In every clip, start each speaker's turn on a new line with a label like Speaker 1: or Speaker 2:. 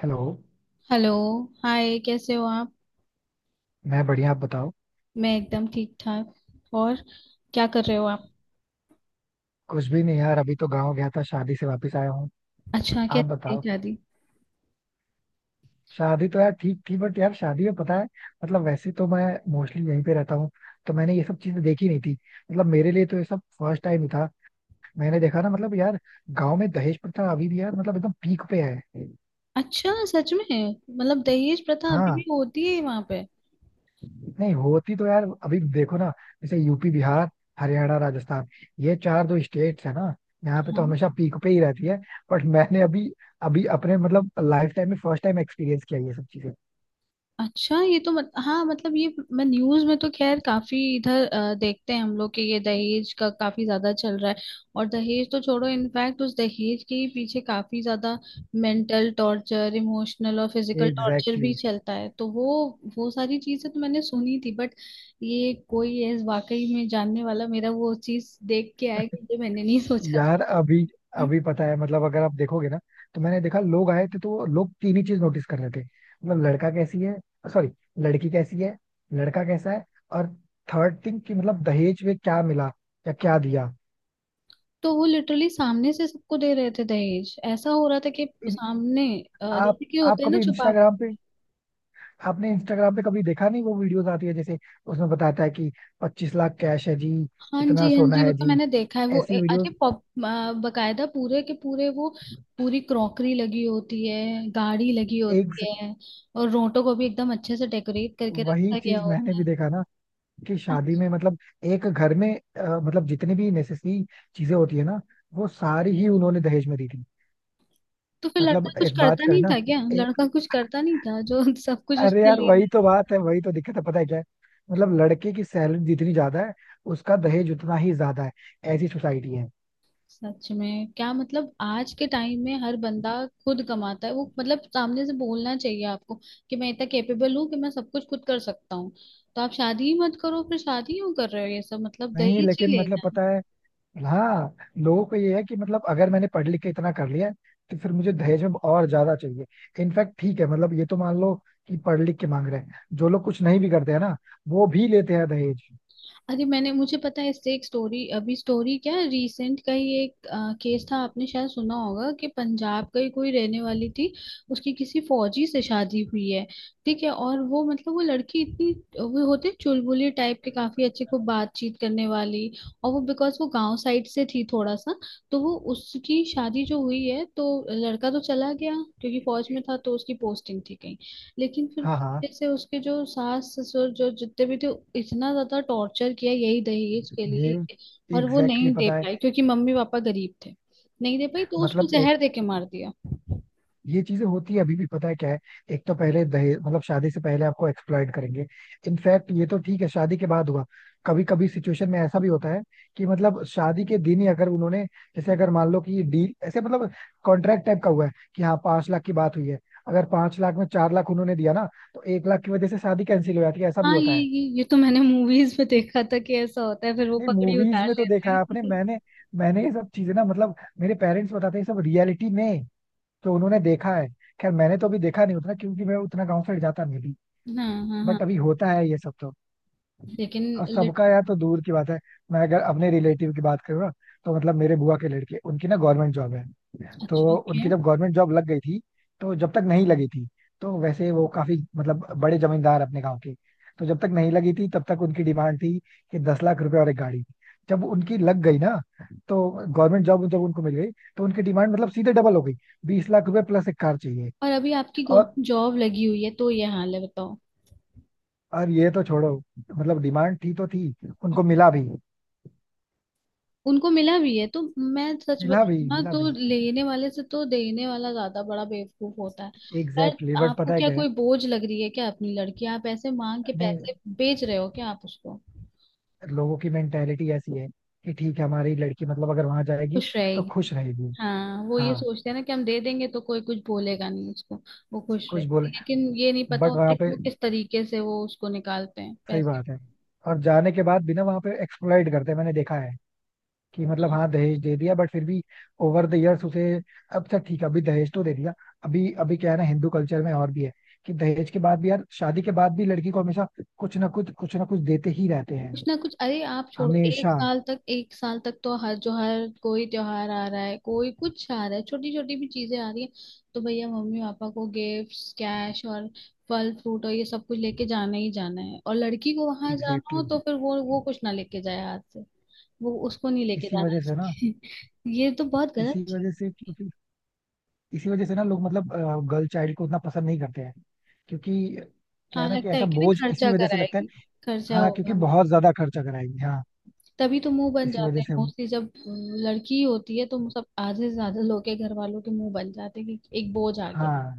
Speaker 1: Hello.
Speaker 2: Hello. Hi, कैसे हो आप?
Speaker 1: मैं बढ़िया, आप बताओ.
Speaker 2: मैं एकदम ठीक ठाक। और क्या कर रहे हो आप?
Speaker 1: कुछ भी नहीं यार, अभी तो गांव गया था, शादी से वापस आया हूँ.
Speaker 2: अच्छा, क्या
Speaker 1: आप बताओ.
Speaker 2: शादी?
Speaker 1: शादी तो यार ठीक थी, बट यार शादी में पता है, मतलब वैसे तो मैं मोस्टली यहीं पे रहता हूँ, तो मैंने ये सब चीजें देखी नहीं थी. मतलब मेरे लिए तो ये सब फर्स्ट टाइम ही था. मैंने देखा ना मतलब यार, गांव में दहेज प्रथा अभी भी यार मतलब एकदम पीक पे है.
Speaker 2: अच्छा, सच में? मतलब दहेज प्रथा अभी
Speaker 1: हाँ.
Speaker 2: भी होती है वहां पे?
Speaker 1: नहीं होती तो यार, अभी देखो ना, जैसे यूपी, बिहार, हरियाणा, राजस्थान, ये चार जो स्टेट्स है ना, यहाँ पे तो हमेशा पीक पे ही रहती है. बट मैंने अभी अभी अपने मतलब लाइफ टाइम में फर्स्ट टाइम एक्सपीरियंस किया ये सब चीजें.
Speaker 2: अच्छा, ये तो मत, हाँ, मतलब ये मैं न्यूज में तो खैर काफी इधर देखते हैं हम लोग कि ये दहेज का काफी ज्यादा चल रहा है। और दहेज तो छोड़ो, इनफैक्ट उस दहेज के ही पीछे काफी ज्यादा मेंटल टॉर्चर, इमोशनल और फिजिकल टॉर्चर
Speaker 1: एग्जैक्टली
Speaker 2: भी
Speaker 1: exactly.
Speaker 2: चलता है, तो वो सारी चीजें तो मैंने सुनी थी। बट ये कोई है वाकई में जानने वाला, मेरा वो चीज देख के आया कि ये मैंने नहीं सोचा था।
Speaker 1: यार अभी अभी पता है मतलब अगर आप देखोगे ना, तो मैंने देखा, लोग आए थे तो वो लोग तीन ही चीज नोटिस कर रहे थे, मतलब लड़का कैसी है, सॉरी, लड़की कैसी है, लड़का कैसा है, और थर्ड थिंग कि मतलब दहेज में क्या मिला या क्या दिया.
Speaker 2: तो वो लिटरली सामने से सबको दे रहे थे दहेज। ऐसा हो रहा था कि
Speaker 1: इन,
Speaker 2: सामने
Speaker 1: आप
Speaker 2: जैसे कि
Speaker 1: आप
Speaker 2: होते हैं ना
Speaker 1: कभी
Speaker 2: छुपा के।
Speaker 1: इंस्टाग्राम पे, आपने इंस्टाग्राम पे कभी देखा नहीं वो वीडियोस आती है, जैसे उसमें बताता है कि 25 लाख कैश है जी,
Speaker 2: हाँ जी,
Speaker 1: इतना
Speaker 2: हाँ
Speaker 1: सोना
Speaker 2: जी, वो
Speaker 1: है
Speaker 2: तो
Speaker 1: जी,
Speaker 2: मैंने देखा है। वो
Speaker 1: ऐसी वीडियोस.
Speaker 2: अरे पॉप बकायदा पूरे के पूरे वो पूरी क्रॉकरी लगी होती है, गाड़ी लगी
Speaker 1: एक से-
Speaker 2: होती है, और रोटो को भी एकदम अच्छे से डेकोरेट करके
Speaker 1: वही
Speaker 2: रखा गया
Speaker 1: चीज मैंने
Speaker 2: होता
Speaker 1: भी
Speaker 2: है।
Speaker 1: देखा ना, कि शादी में मतलब एक घर में मतलब जितनी भी नेसेसरी चीजें होती है ना, वो सारी ही उन्होंने दहेज में दी थी.
Speaker 2: तो फिर लड़का
Speaker 1: मतलब
Speaker 2: कुछ
Speaker 1: एक बात
Speaker 2: करता नहीं
Speaker 1: करना.
Speaker 2: था क्या?
Speaker 1: एक,
Speaker 2: लड़का कुछ करता नहीं था जो सब कुछ
Speaker 1: अरे
Speaker 2: उसने
Speaker 1: यार
Speaker 2: लेना?
Speaker 1: वही तो बात है, वही तो दिक्कत है. पता है क्या है, मतलब लड़के की सैलरी जितनी ज्यादा है, उसका दहेज उतना ही ज्यादा है. ऐसी सोसाइटी है.
Speaker 2: सच में? क्या मतलब आज के टाइम में हर बंदा खुद कमाता है, वो मतलब सामने से बोलना चाहिए आपको कि मैं इतना कैपेबल हूँ कि मैं सब कुछ खुद कर सकता हूँ। तो आप शादी ही मत करो फिर। शादी क्यों कर रहे हो? ये सब मतलब
Speaker 1: नहीं
Speaker 2: दहेज ही
Speaker 1: लेकिन मतलब
Speaker 2: लेना है?
Speaker 1: पता है. हाँ. लोगों को ये है कि मतलब अगर मैंने पढ़ लिख के इतना कर लिया है, तो फिर मुझे दहेज में और ज्यादा चाहिए. इनफैक्ट ठीक है, मतलब ये तो मान लो कि पढ़ लिख के मांग रहे हैं, जो लोग कुछ नहीं भी करते हैं ना, वो भी लेते हैं दहेज.
Speaker 2: अरे मैंने, मुझे पता है, इससे एक स्टोरी, अभी स्टोरी क्या, रिसेंट का ही एक केस था, आपने शायद सुना होगा, कि पंजाब का ही कोई रहने वाली थी, उसकी किसी फौजी से शादी हुई है। ठीक है, और वो मतलब वो लड़की इतनी, वो होते हैं चुलबुली टाइप के, काफी अच्छे को बातचीत करने वाली, और वो बिकॉज वो गांव साइड से थी थोड़ा सा। तो वो उसकी शादी जो हुई है, तो लड़का तो चला गया क्योंकि फौज में था, तो उसकी पोस्टिंग थी कहीं। लेकिन फिर
Speaker 1: हाँ, हाँ.
Speaker 2: जैसे उसके जो सास ससुर जो जितने भी थे, इतना ज्यादा टॉर्चर किया यही दहेज के
Speaker 1: ये
Speaker 2: लिए। और वो
Speaker 1: एग्जैक्टली exactly,
Speaker 2: नहीं दे
Speaker 1: पता है,
Speaker 2: पाई क्योंकि मम्मी पापा गरीब थे। नहीं दे पाई तो उसको
Speaker 1: मतलब एक,
Speaker 2: जहर दे के मार दिया।
Speaker 1: ये चीजें होती है अभी भी. पता है क्या है, एक तो पहले दहेज मतलब शादी से पहले आपको एक्सप्लॉइट करेंगे. इनफैक्ट ये तो ठीक है, शादी के बाद हुआ. कभी कभी सिचुएशन में ऐसा भी होता है कि मतलब शादी के दिन ही अगर उन्होंने, जैसे अगर मान लो कि डील ऐसे मतलब कॉन्ट्रैक्ट टाइप का हुआ है कि हाँ 5 लाख की बात हुई है, अगर 5 लाख में 4 लाख उन्होंने दिया ना, तो 1 लाख की वजह से शादी कैंसिल हो जाती है, ऐसा भी
Speaker 2: हाँ,
Speaker 1: होता है.
Speaker 2: ये तो मैंने मूवीज में देखा था कि ऐसा होता है, फिर वो
Speaker 1: नहीं
Speaker 2: पकड़ी
Speaker 1: मूवीज
Speaker 2: उतार
Speaker 1: में तो
Speaker 2: लेते
Speaker 1: देखा है आपने,
Speaker 2: हैं।
Speaker 1: मैंने, मैंने ये सब चीजें ना, मतलब मेरे पेरेंट्स बताते हैं ये सब रियलिटी में, तो उन्होंने देखा है. खैर मैंने तो अभी देखा नहीं उतना, क्योंकि मैं उतना गांव साइड जाता नहीं भी.
Speaker 2: हाँ हाँ
Speaker 1: बट
Speaker 2: हाँ।
Speaker 1: अभी होता है ये सब तो.
Speaker 2: लेकिन
Speaker 1: अब सबका
Speaker 2: लिट,
Speaker 1: यार तो दूर की बात है, मैं अगर अपने रिलेटिव की बात करूँ ना, तो मतलब मेरे बुआ के लड़के उनकी ना गवर्नमेंट जॉब है. तो
Speaker 2: अच्छा ओके।
Speaker 1: उनकी जब गवर्नमेंट जॉब लग गई थी, तो जब तक नहीं लगी थी, तो वैसे वो काफी मतलब बड़े जमींदार अपने गाँव के, तो जब तक नहीं लगी थी तब तक उनकी डिमांड थी कि 10 लाख रुपए और एक गाड़ी. जब उनकी लग गई ना, तो गवर्नमेंट जॉब जब उनको मिल गई, तो उनकी डिमांड मतलब सीधे डबल हो गई, 20 लाख रुपए प्लस एक कार चाहिए.
Speaker 2: और अभी आपकी
Speaker 1: और.
Speaker 2: जॉब लगी हुई है तो ये हाल है, बताओ।
Speaker 1: ये तो छोड़ो, मतलब डिमांड थी तो थी, उनको मिला भी,
Speaker 2: उनको मिला भी है तो मैं सच
Speaker 1: मिला भी,
Speaker 2: बताऊं ना,
Speaker 1: मिला
Speaker 2: तो
Speaker 1: भी.
Speaker 2: लेने वाले से तो देने वाला ज्यादा बड़ा बेवकूफ होता है। पर
Speaker 1: एग्जैक्टली exactly. बट
Speaker 2: आपको
Speaker 1: पता है
Speaker 2: क्या
Speaker 1: क्या है,
Speaker 2: कोई बोझ लग रही है क्या? अपनी लड़की आप ऐसे मांग के
Speaker 1: नहीं,
Speaker 2: पैसे बेच रहे हो क्या आप उसको?
Speaker 1: लोगों की मेंटेलिटी ऐसी है कि ठीक है हमारी लड़की मतलब अगर वहां जाएगी
Speaker 2: खुश
Speaker 1: तो
Speaker 2: रहेगी।
Speaker 1: खुश रहेगी.
Speaker 2: हाँ, वो ये
Speaker 1: हाँ.
Speaker 2: सोचते हैं ना कि हम दे देंगे तो कोई कुछ बोलेगा नहीं उसको, वो खुश
Speaker 1: कुछ
Speaker 2: रहेगी।
Speaker 1: बोले
Speaker 2: लेकिन ये नहीं पता
Speaker 1: बट
Speaker 2: होता
Speaker 1: वहां
Speaker 2: कि वो
Speaker 1: पे,
Speaker 2: किस तरीके से वो उसको निकालते हैं
Speaker 1: सही
Speaker 2: पैसे।
Speaker 1: बात है, और जाने के बाद भी ना वहां पे एक्सप्लॉइट करते हैं. मैंने देखा है कि मतलब हाँ दहेज दे दिया बट फिर भी ओवर द इयर्स उसे, अब तक ठीक है अभी दहेज तो दे दिया. अभी अभी क्या है ना, हिंदू कल्चर में और भी है कि दहेज के बाद भी यार, शादी के बाद भी लड़की को हमेशा कुछ ना कुछ, कुछ ना कुछ देते ही रहते हैं,
Speaker 2: कुछ ना कुछ, अरे आप छोड़ो, एक
Speaker 1: हमेशा.
Speaker 2: साल तक, एक साल तक तो हर जो हर कोई त्योहार आ रहा है, कोई कुछ आ रहा है, छोटी छोटी भी चीजें आ रही है। तो भैया मम्मी पापा को गिफ्ट्स, कैश और फल फ्रूट और ये सब कुछ लेके जाना ही जाना है। और लड़की को वहां जाना
Speaker 1: एग्जैक्टली
Speaker 2: हो तो
Speaker 1: exactly.
Speaker 2: फिर वो कुछ ना लेके जाए हाथ से, वो उसको नहीं लेके
Speaker 1: इसी
Speaker 2: जाना।
Speaker 1: वजह से ना,
Speaker 2: ये तो बहुत गलत
Speaker 1: इसी
Speaker 2: चीज।
Speaker 1: वजह से, क्योंकि इसी वजह से ना लोग मतलब गर्ल चाइल्ड को उतना पसंद नहीं करते हैं. क्योंकि क्या
Speaker 2: हाँ,
Speaker 1: है ना, कि
Speaker 2: लगता है
Speaker 1: ऐसा
Speaker 2: कि ना
Speaker 1: बोझ इसी
Speaker 2: खर्चा
Speaker 1: वजह से लगता है.
Speaker 2: कराएगी, खर्चा
Speaker 1: हाँ, क्योंकि
Speaker 2: होगा।
Speaker 1: बहुत ज्यादा खर्चा कराएंगे, हाँ.
Speaker 2: तभी तो मुंह बन
Speaker 1: इसी
Speaker 2: जाते
Speaker 1: वजह
Speaker 2: हैं
Speaker 1: से,
Speaker 2: मोस्टली, जब लड़की होती है तो मुंह- सब आधे से ज्यादा लोग के घर वालों के मुंह बन जाते हैं कि एक बोझ आ गया।
Speaker 1: हाँ,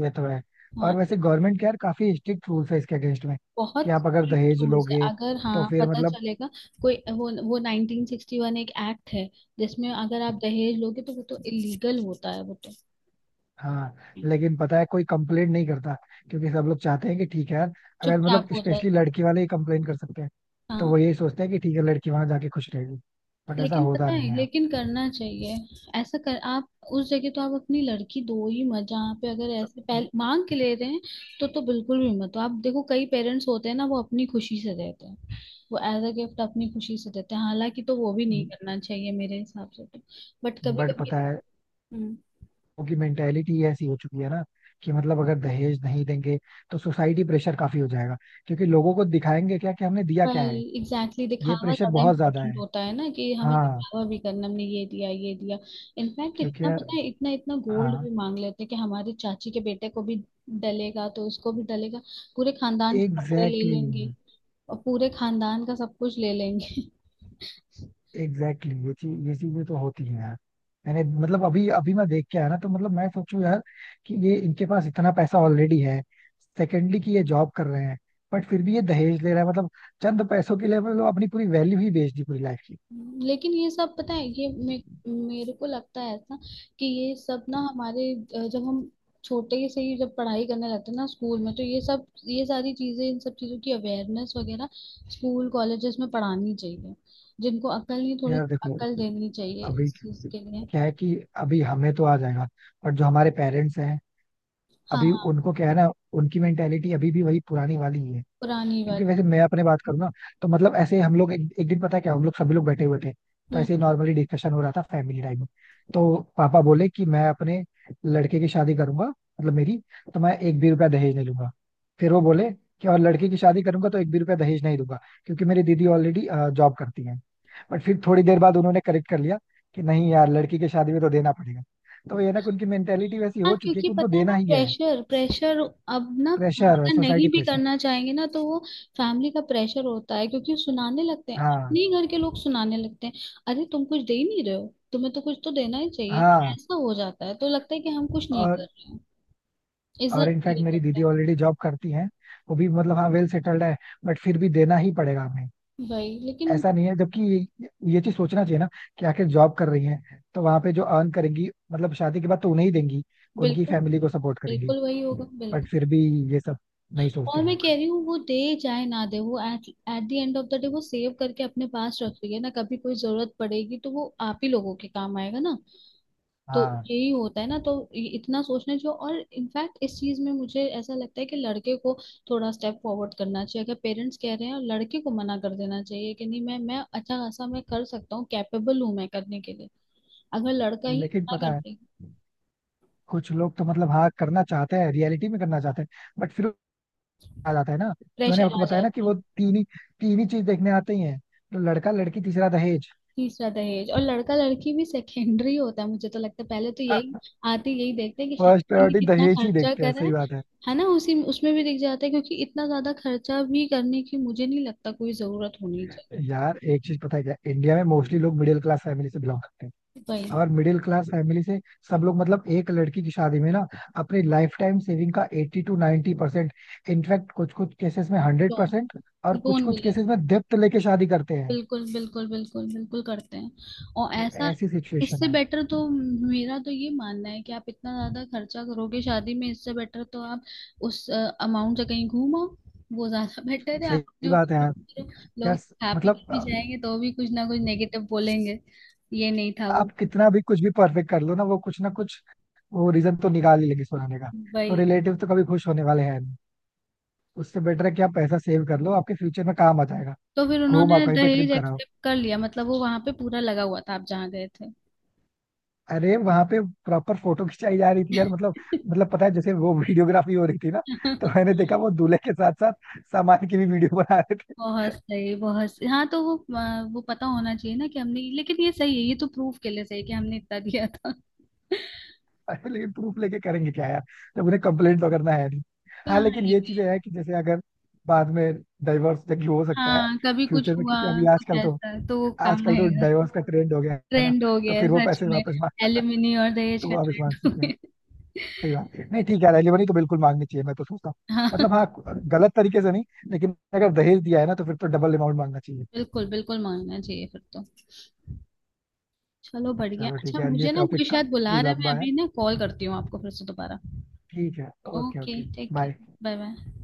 Speaker 1: ये तो है. और
Speaker 2: हाँ,
Speaker 1: वैसे गवर्नमेंट के यार काफी स्ट्रिक्ट रूल्स है इसके अगेंस्ट में, कि
Speaker 2: बहुत
Speaker 1: आप अगर
Speaker 2: स्ट्रिक्ट
Speaker 1: दहेज
Speaker 2: रूल्स है।
Speaker 1: लोगे
Speaker 2: अगर
Speaker 1: तो
Speaker 2: हाँ
Speaker 1: फिर
Speaker 2: पता
Speaker 1: मतलब.
Speaker 2: चलेगा, कोई वो 1961 एक एक्ट है जिसमें अगर आप दहेज लोगे तो वो तो इलीगल होता है, वो तो
Speaker 1: हाँ. लेकिन पता है कोई कंप्लेंट नहीं करता, क्योंकि सब लोग चाहते हैं कि ठीक है यार, अगर
Speaker 2: चुपचाप
Speaker 1: मतलब
Speaker 2: हो जाए।
Speaker 1: स्पेशली लड़की वाले ही कंप्लेंट कर सकते हैं, तो
Speaker 2: हाँ
Speaker 1: वो यही सोचते हैं कि ठीक है लड़की वहां जाके खुश रहेगी, बट ऐसा
Speaker 2: लेकिन
Speaker 1: होता
Speaker 2: पता है,
Speaker 1: नहीं है.
Speaker 2: लेकिन करना चाहिए ऐसा, कर आप। उस जगह तो आप अपनी लड़की दो ही मत जहाँ पे अगर ऐसे पहले मांग के ले रहे हैं। तो बिल्कुल भी मत। तो आप देखो कई पेरेंट्स होते हैं ना, वो अपनी खुशी से देते हैं, वो एज अ गिफ्ट अपनी खुशी से देते हैं। हालांकि तो वो भी नहीं करना चाहिए मेरे हिसाब से तो, बट कभी
Speaker 1: बट
Speaker 2: कभी।
Speaker 1: पता है उनकी मेंटेलिटी ऐसी हो चुकी है ना, कि मतलब अगर दहेज नहीं देंगे तो सोसाइटी प्रेशर काफी हो जाएगा, क्योंकि लोगों को दिखाएंगे क्या कि हमने दिया क्या
Speaker 2: वही,
Speaker 1: है.
Speaker 2: एग्जैक्टली exactly,
Speaker 1: ये
Speaker 2: दिखावा
Speaker 1: प्रेशर
Speaker 2: ज्यादा
Speaker 1: बहुत ज्यादा
Speaker 2: इम्पोर्टेंट
Speaker 1: है.
Speaker 2: होता है ना, कि हमें
Speaker 1: हाँ,
Speaker 2: दिखावा भी करना, हमने ये दिया, ये दिया। इनफैक्ट
Speaker 1: क्योंकि
Speaker 2: इतना,
Speaker 1: यार,
Speaker 2: पता है, इतना इतना गोल्ड
Speaker 1: हाँ.
Speaker 2: भी मांग लेते हैं कि हमारे चाची के बेटे को भी डलेगा तो उसको भी डलेगा। पूरे खानदान के कपड़े ले
Speaker 1: एग्जैक्टली exactly,
Speaker 2: लेंगे और पूरे खानदान का सब कुछ ले लेंगे।
Speaker 1: एग्जैक्टली exactly, ये चीज, ये चीजें तो होती हैं यार. मैंने मतलब अभी अभी मैं देख के आया ना, तो मतलब मैं सोचूं यार कि ये इनके पास इतना पैसा ऑलरेडी है, सेकेंडली कि ये जॉब कर रहे हैं, बट फिर भी ये दहेज ले रहा है. मतलब चंद पैसों के लिए मतलब अपनी पूरी वैल्यू ही बेच दी, पूरी लाइफ की.
Speaker 2: लेकिन ये सब, पता है, ये मेरे को लगता है ऐसा कि ये सब ना हमारे जब हम छोटे से ही जब पढ़ाई करने लगते हैं ना स्कूल में, तो ये सब ये सारी चीजें, इन सब चीजों की अवेयरनेस वगैरह स्कूल कॉलेजेस में पढ़ानी चाहिए। जिनको अकल नहीं, थोड़ी
Speaker 1: यार देखो,
Speaker 2: अकल देनी चाहिए
Speaker 1: अभी
Speaker 2: इस चीज के लिए।
Speaker 1: क्या है कि अभी हमें तो आ जाएगा, बट जो हमारे पेरेंट्स हैं, अभी
Speaker 2: हाँ,
Speaker 1: उनको क्या है ना, उनकी मेंटेलिटी अभी भी वही पुरानी वाली ही है.
Speaker 2: पुरानी
Speaker 1: क्योंकि
Speaker 2: वाली।
Speaker 1: वैसे मैं अपने बात करूँ ना, तो मतलब ऐसे हम लोग एक दिन, पता है क्या, हम लोग सभी लोग बैठे हुए थे, तो ऐसे नॉर्मली डिस्कशन हो रहा था फैमिली टाइम में. तो पापा बोले कि मैं अपने लड़के की शादी करूंगा मतलब, मेरी, तो मैं एक भी रुपया दहेज नहीं लूंगा. फिर वो बोले कि और लड़की की शादी करूंगा तो एक भी रुपया दहेज नहीं दूंगा, क्योंकि मेरी दीदी ऑलरेडी जॉब करती है. बट फिर थोड़ी देर बाद उन्होंने करेक्ट कर लिया कि नहीं यार लड़की की शादी में तो देना पड़ेगा. तो ये ना, कि उनकी मेंटेलिटी वैसी
Speaker 2: हाँ
Speaker 1: हो चुकी है
Speaker 2: क्योंकि
Speaker 1: कि उनको
Speaker 2: पता है, वो
Speaker 1: देना ही है.
Speaker 2: प्रेशर, प्रेशर, अब ना
Speaker 1: प्रेशर,
Speaker 2: फादर नहीं
Speaker 1: सोसाइटी
Speaker 2: भी
Speaker 1: प्रेशर.
Speaker 2: करना चाहेंगे ना तो वो फैमिली का प्रेशर होता है। क्योंकि सुनाने लगते हैं,
Speaker 1: हाँ.
Speaker 2: अपने ही घर के लोग सुनाने लगते हैं। अरे तुम कुछ दे ही नहीं रहे हो, तुम्हें तो कुछ तो देना ही चाहिए ना।
Speaker 1: हाँ.
Speaker 2: ऐसा हो जाता है, तो लगता है कि हम कुछ नहीं कर
Speaker 1: और,
Speaker 2: रहे हैं। इज्जत
Speaker 1: इनफैक्ट
Speaker 2: ये
Speaker 1: मेरी दीदी
Speaker 2: करते
Speaker 1: ऑलरेडी जॉब करती हैं, वो भी मतलब हाँ वेल सेटल्ड है, बट फिर भी देना ही पड़ेगा हमें.
Speaker 2: हैं। वही, लेकिन
Speaker 1: ऐसा नहीं है, जबकि ये चीज सोचना चाहिए ना, कि आखिर जॉब कर रही हैं तो वहां पे जो अर्न करेंगी मतलब शादी के बाद तो उन्हें ही देंगी, उनकी
Speaker 2: बिल्कुल,
Speaker 1: फैमिली को सपोर्ट करेंगी.
Speaker 2: बिल्कुल वही होगा,
Speaker 1: बट
Speaker 2: बिल्कुल।
Speaker 1: फिर भी ये सब नहीं सोचते
Speaker 2: और मैं
Speaker 1: लोग.
Speaker 2: कह रही हूँ वो दे चाहे ना दे, वो at, at the end of the day वो सेव करके अपने पास रख रही है ना, कभी कोई जरूरत पड़ेगी तो वो आप ही लोगों के काम आएगा ना। तो
Speaker 1: हाँ.
Speaker 2: यही होता है ना। तो इतना सोचना चाहिए। और इनफैक्ट इस चीज में मुझे ऐसा लगता है कि लड़के को थोड़ा स्टेप फॉरवर्ड करना चाहिए। अगर पेरेंट्स कह रहे हैं, और लड़के को मना कर देना चाहिए कि नहीं, मैं अच्छा खासा, मैं कर सकता हूँ, कैपेबल हूँ मैं करने के लिए। अगर लड़का ही
Speaker 1: लेकिन
Speaker 2: मना
Speaker 1: पता
Speaker 2: कर
Speaker 1: है,
Speaker 2: दे।
Speaker 1: कुछ लोग तो मतलब हाँ करना चाहते हैं, रियलिटी में करना चाहते हैं, बट फिर आ जाता है ना, तो मैंने
Speaker 2: प्रेशर
Speaker 1: आपको
Speaker 2: आ
Speaker 1: बताया ना कि
Speaker 2: जाता है।
Speaker 1: वो तीन ही चीज देखने आते ही हैं, तो लड़का, लड़की, तीसरा दहेज.
Speaker 2: तीसरा दहेज, और लड़का लड़की भी सेकेंडरी होता है मुझे तो लगता है। पहले तो यही आते, यही देखते हैं कि
Speaker 1: फर्स्ट
Speaker 2: शादी में
Speaker 1: प्रायोरिटी
Speaker 2: कितना
Speaker 1: दहेज ही
Speaker 2: खर्चा
Speaker 1: देखते हैं,
Speaker 2: कर रहा
Speaker 1: सही
Speaker 2: है।
Speaker 1: बात है.
Speaker 2: है ना, उसी उसमें भी दिख जाता है। क्योंकि इतना ज्यादा खर्चा भी करने की मुझे नहीं लगता कोई जरूरत होनी चाहिए।
Speaker 1: यार एक चीज पता है क्या, इंडिया में मोस्टली लोग मिडिल क्लास फैमिली से बिलोंग करते हैं,
Speaker 2: वही।
Speaker 1: और मिडिल क्लास फैमिली से सब लोग मतलब एक लड़की की शादी में ना अपनी लाइफ टाइम सेविंग का 80 टू 90%, इनफैक्ट कुछ कुछ केसेस में हंड्रेड
Speaker 2: तो
Speaker 1: परसेंट और कुछ
Speaker 2: लोन भी
Speaker 1: कुछ
Speaker 2: लेते
Speaker 1: केसेस
Speaker 2: हैं
Speaker 1: में डेप्थ लेके शादी करते हैं.
Speaker 2: बिल्कुल बिल्कुल बिल्कुल बिल्कुल करते हैं और
Speaker 1: मतलब
Speaker 2: ऐसा।
Speaker 1: ऐसी सिचुएशन
Speaker 2: इससे
Speaker 1: है.
Speaker 2: बेटर तो मेरा तो ये मानना है कि आप इतना ज्यादा खर्चा करोगे शादी में, इससे बेटर तो आप उस अमाउंट से कहीं घूम आओ। वो ज्यादा बेटर है, आप
Speaker 1: सही
Speaker 2: अपने
Speaker 1: बात है
Speaker 2: ऊपर
Speaker 1: यार.
Speaker 2: करो।
Speaker 1: यार
Speaker 2: लोग हैप्पी
Speaker 1: मतलब
Speaker 2: भी जाएंगे तो भी कुछ ना कुछ नेगेटिव बोलेंगे। ये नहीं था, वो
Speaker 1: आप
Speaker 2: नहीं
Speaker 1: कितना
Speaker 2: था।
Speaker 1: भी कुछ भी परफेक्ट कर लो ना, वो कुछ ना कुछ, वो रीजन तो निकाल ही लेंगे सुनाने का. तो
Speaker 2: वही।
Speaker 1: रिलेटिव तो कभी खुश होने वाले हैं, उससे बेटर है कि आप पैसा सेव कर लो, आपके फ्यूचर में काम आ जाएगा.
Speaker 2: तो फिर
Speaker 1: घूमा,
Speaker 2: उन्होंने
Speaker 1: कहीं पे ट्रिप
Speaker 2: दहेज
Speaker 1: कराओ.
Speaker 2: एक्सेप्ट कर लिया, मतलब वो वहां पे पूरा लगा हुआ था आप जहाँ गए
Speaker 1: अरे वहां पे प्रॉपर फोटो खिंचाई जा रही थी यार, मतलब,
Speaker 2: थे?
Speaker 1: मतलब पता है जैसे वो वीडियोग्राफी हो रही थी ना, तो मैंने देखा वो दूल्हे के साथ साथ सामान की भी वीडियो बना रहे थे.
Speaker 2: बहुत सही, बहुत सही। हाँ, तो वो वो पता होना चाहिए ना कि हमने, लेकिन ये सही है, ये तो प्रूफ के लिए सही है कि हमने इतना दिया था।
Speaker 1: अरे लेकिन प्रूफ लेके करेंगे क्या यार, जब उन्हें कंप्लेंट तो करना है नहीं. हाँ
Speaker 2: हाँ,
Speaker 1: लेकिन
Speaker 2: ये
Speaker 1: ये
Speaker 2: भी।
Speaker 1: चीजें है कि जैसे अगर बाद में डाइवोर्स जबकि हो सकता है
Speaker 2: हाँ, कभी कुछ
Speaker 1: फ्यूचर में,
Speaker 2: हुआ,
Speaker 1: क्योंकि अभी
Speaker 2: कुछ
Speaker 1: आजकल तो,
Speaker 2: ऐसा तो वो काम
Speaker 1: आजकल तो
Speaker 2: आएगा।
Speaker 1: डाइवोर्स का ट्रेंड हो गया है ना,
Speaker 2: ट्रेंड हो
Speaker 1: तो
Speaker 2: गया है
Speaker 1: फिर वो
Speaker 2: सच
Speaker 1: पैसे
Speaker 2: में।
Speaker 1: वापस मांग.
Speaker 2: एलिमिनी और दहेज
Speaker 1: तो
Speaker 2: का
Speaker 1: वापस मांग
Speaker 2: ट्रेंड हो
Speaker 1: सकते हैं.
Speaker 2: गया।
Speaker 1: सही बात है. नहीं ठीक है, रेलिवरी तो बिल्कुल मांगनी चाहिए, मैं तो सोचता हूँ. मतलब
Speaker 2: हाँ,
Speaker 1: हाँ, गलत तरीके से नहीं, लेकिन अगर दहेज दिया है ना तो फिर तो डबल अमाउंट मांगना चाहिए.
Speaker 2: बिल्कुल बिल्कुल, मांगना चाहिए फिर तो। चलो बढ़िया,
Speaker 1: चलो ठीक
Speaker 2: अच्छा
Speaker 1: है यार, ये
Speaker 2: मुझे ना कोई
Speaker 1: टॉपिक
Speaker 2: शायद बुला
Speaker 1: काफी
Speaker 2: रहा है, मैं
Speaker 1: लंबा है.
Speaker 2: अभी ना कॉल करती हूँ आपको फिर से दोबारा।
Speaker 1: ठीक है, ओके,
Speaker 2: ओके
Speaker 1: ओके.
Speaker 2: ठीक है।
Speaker 1: बाय.
Speaker 2: Bye bye.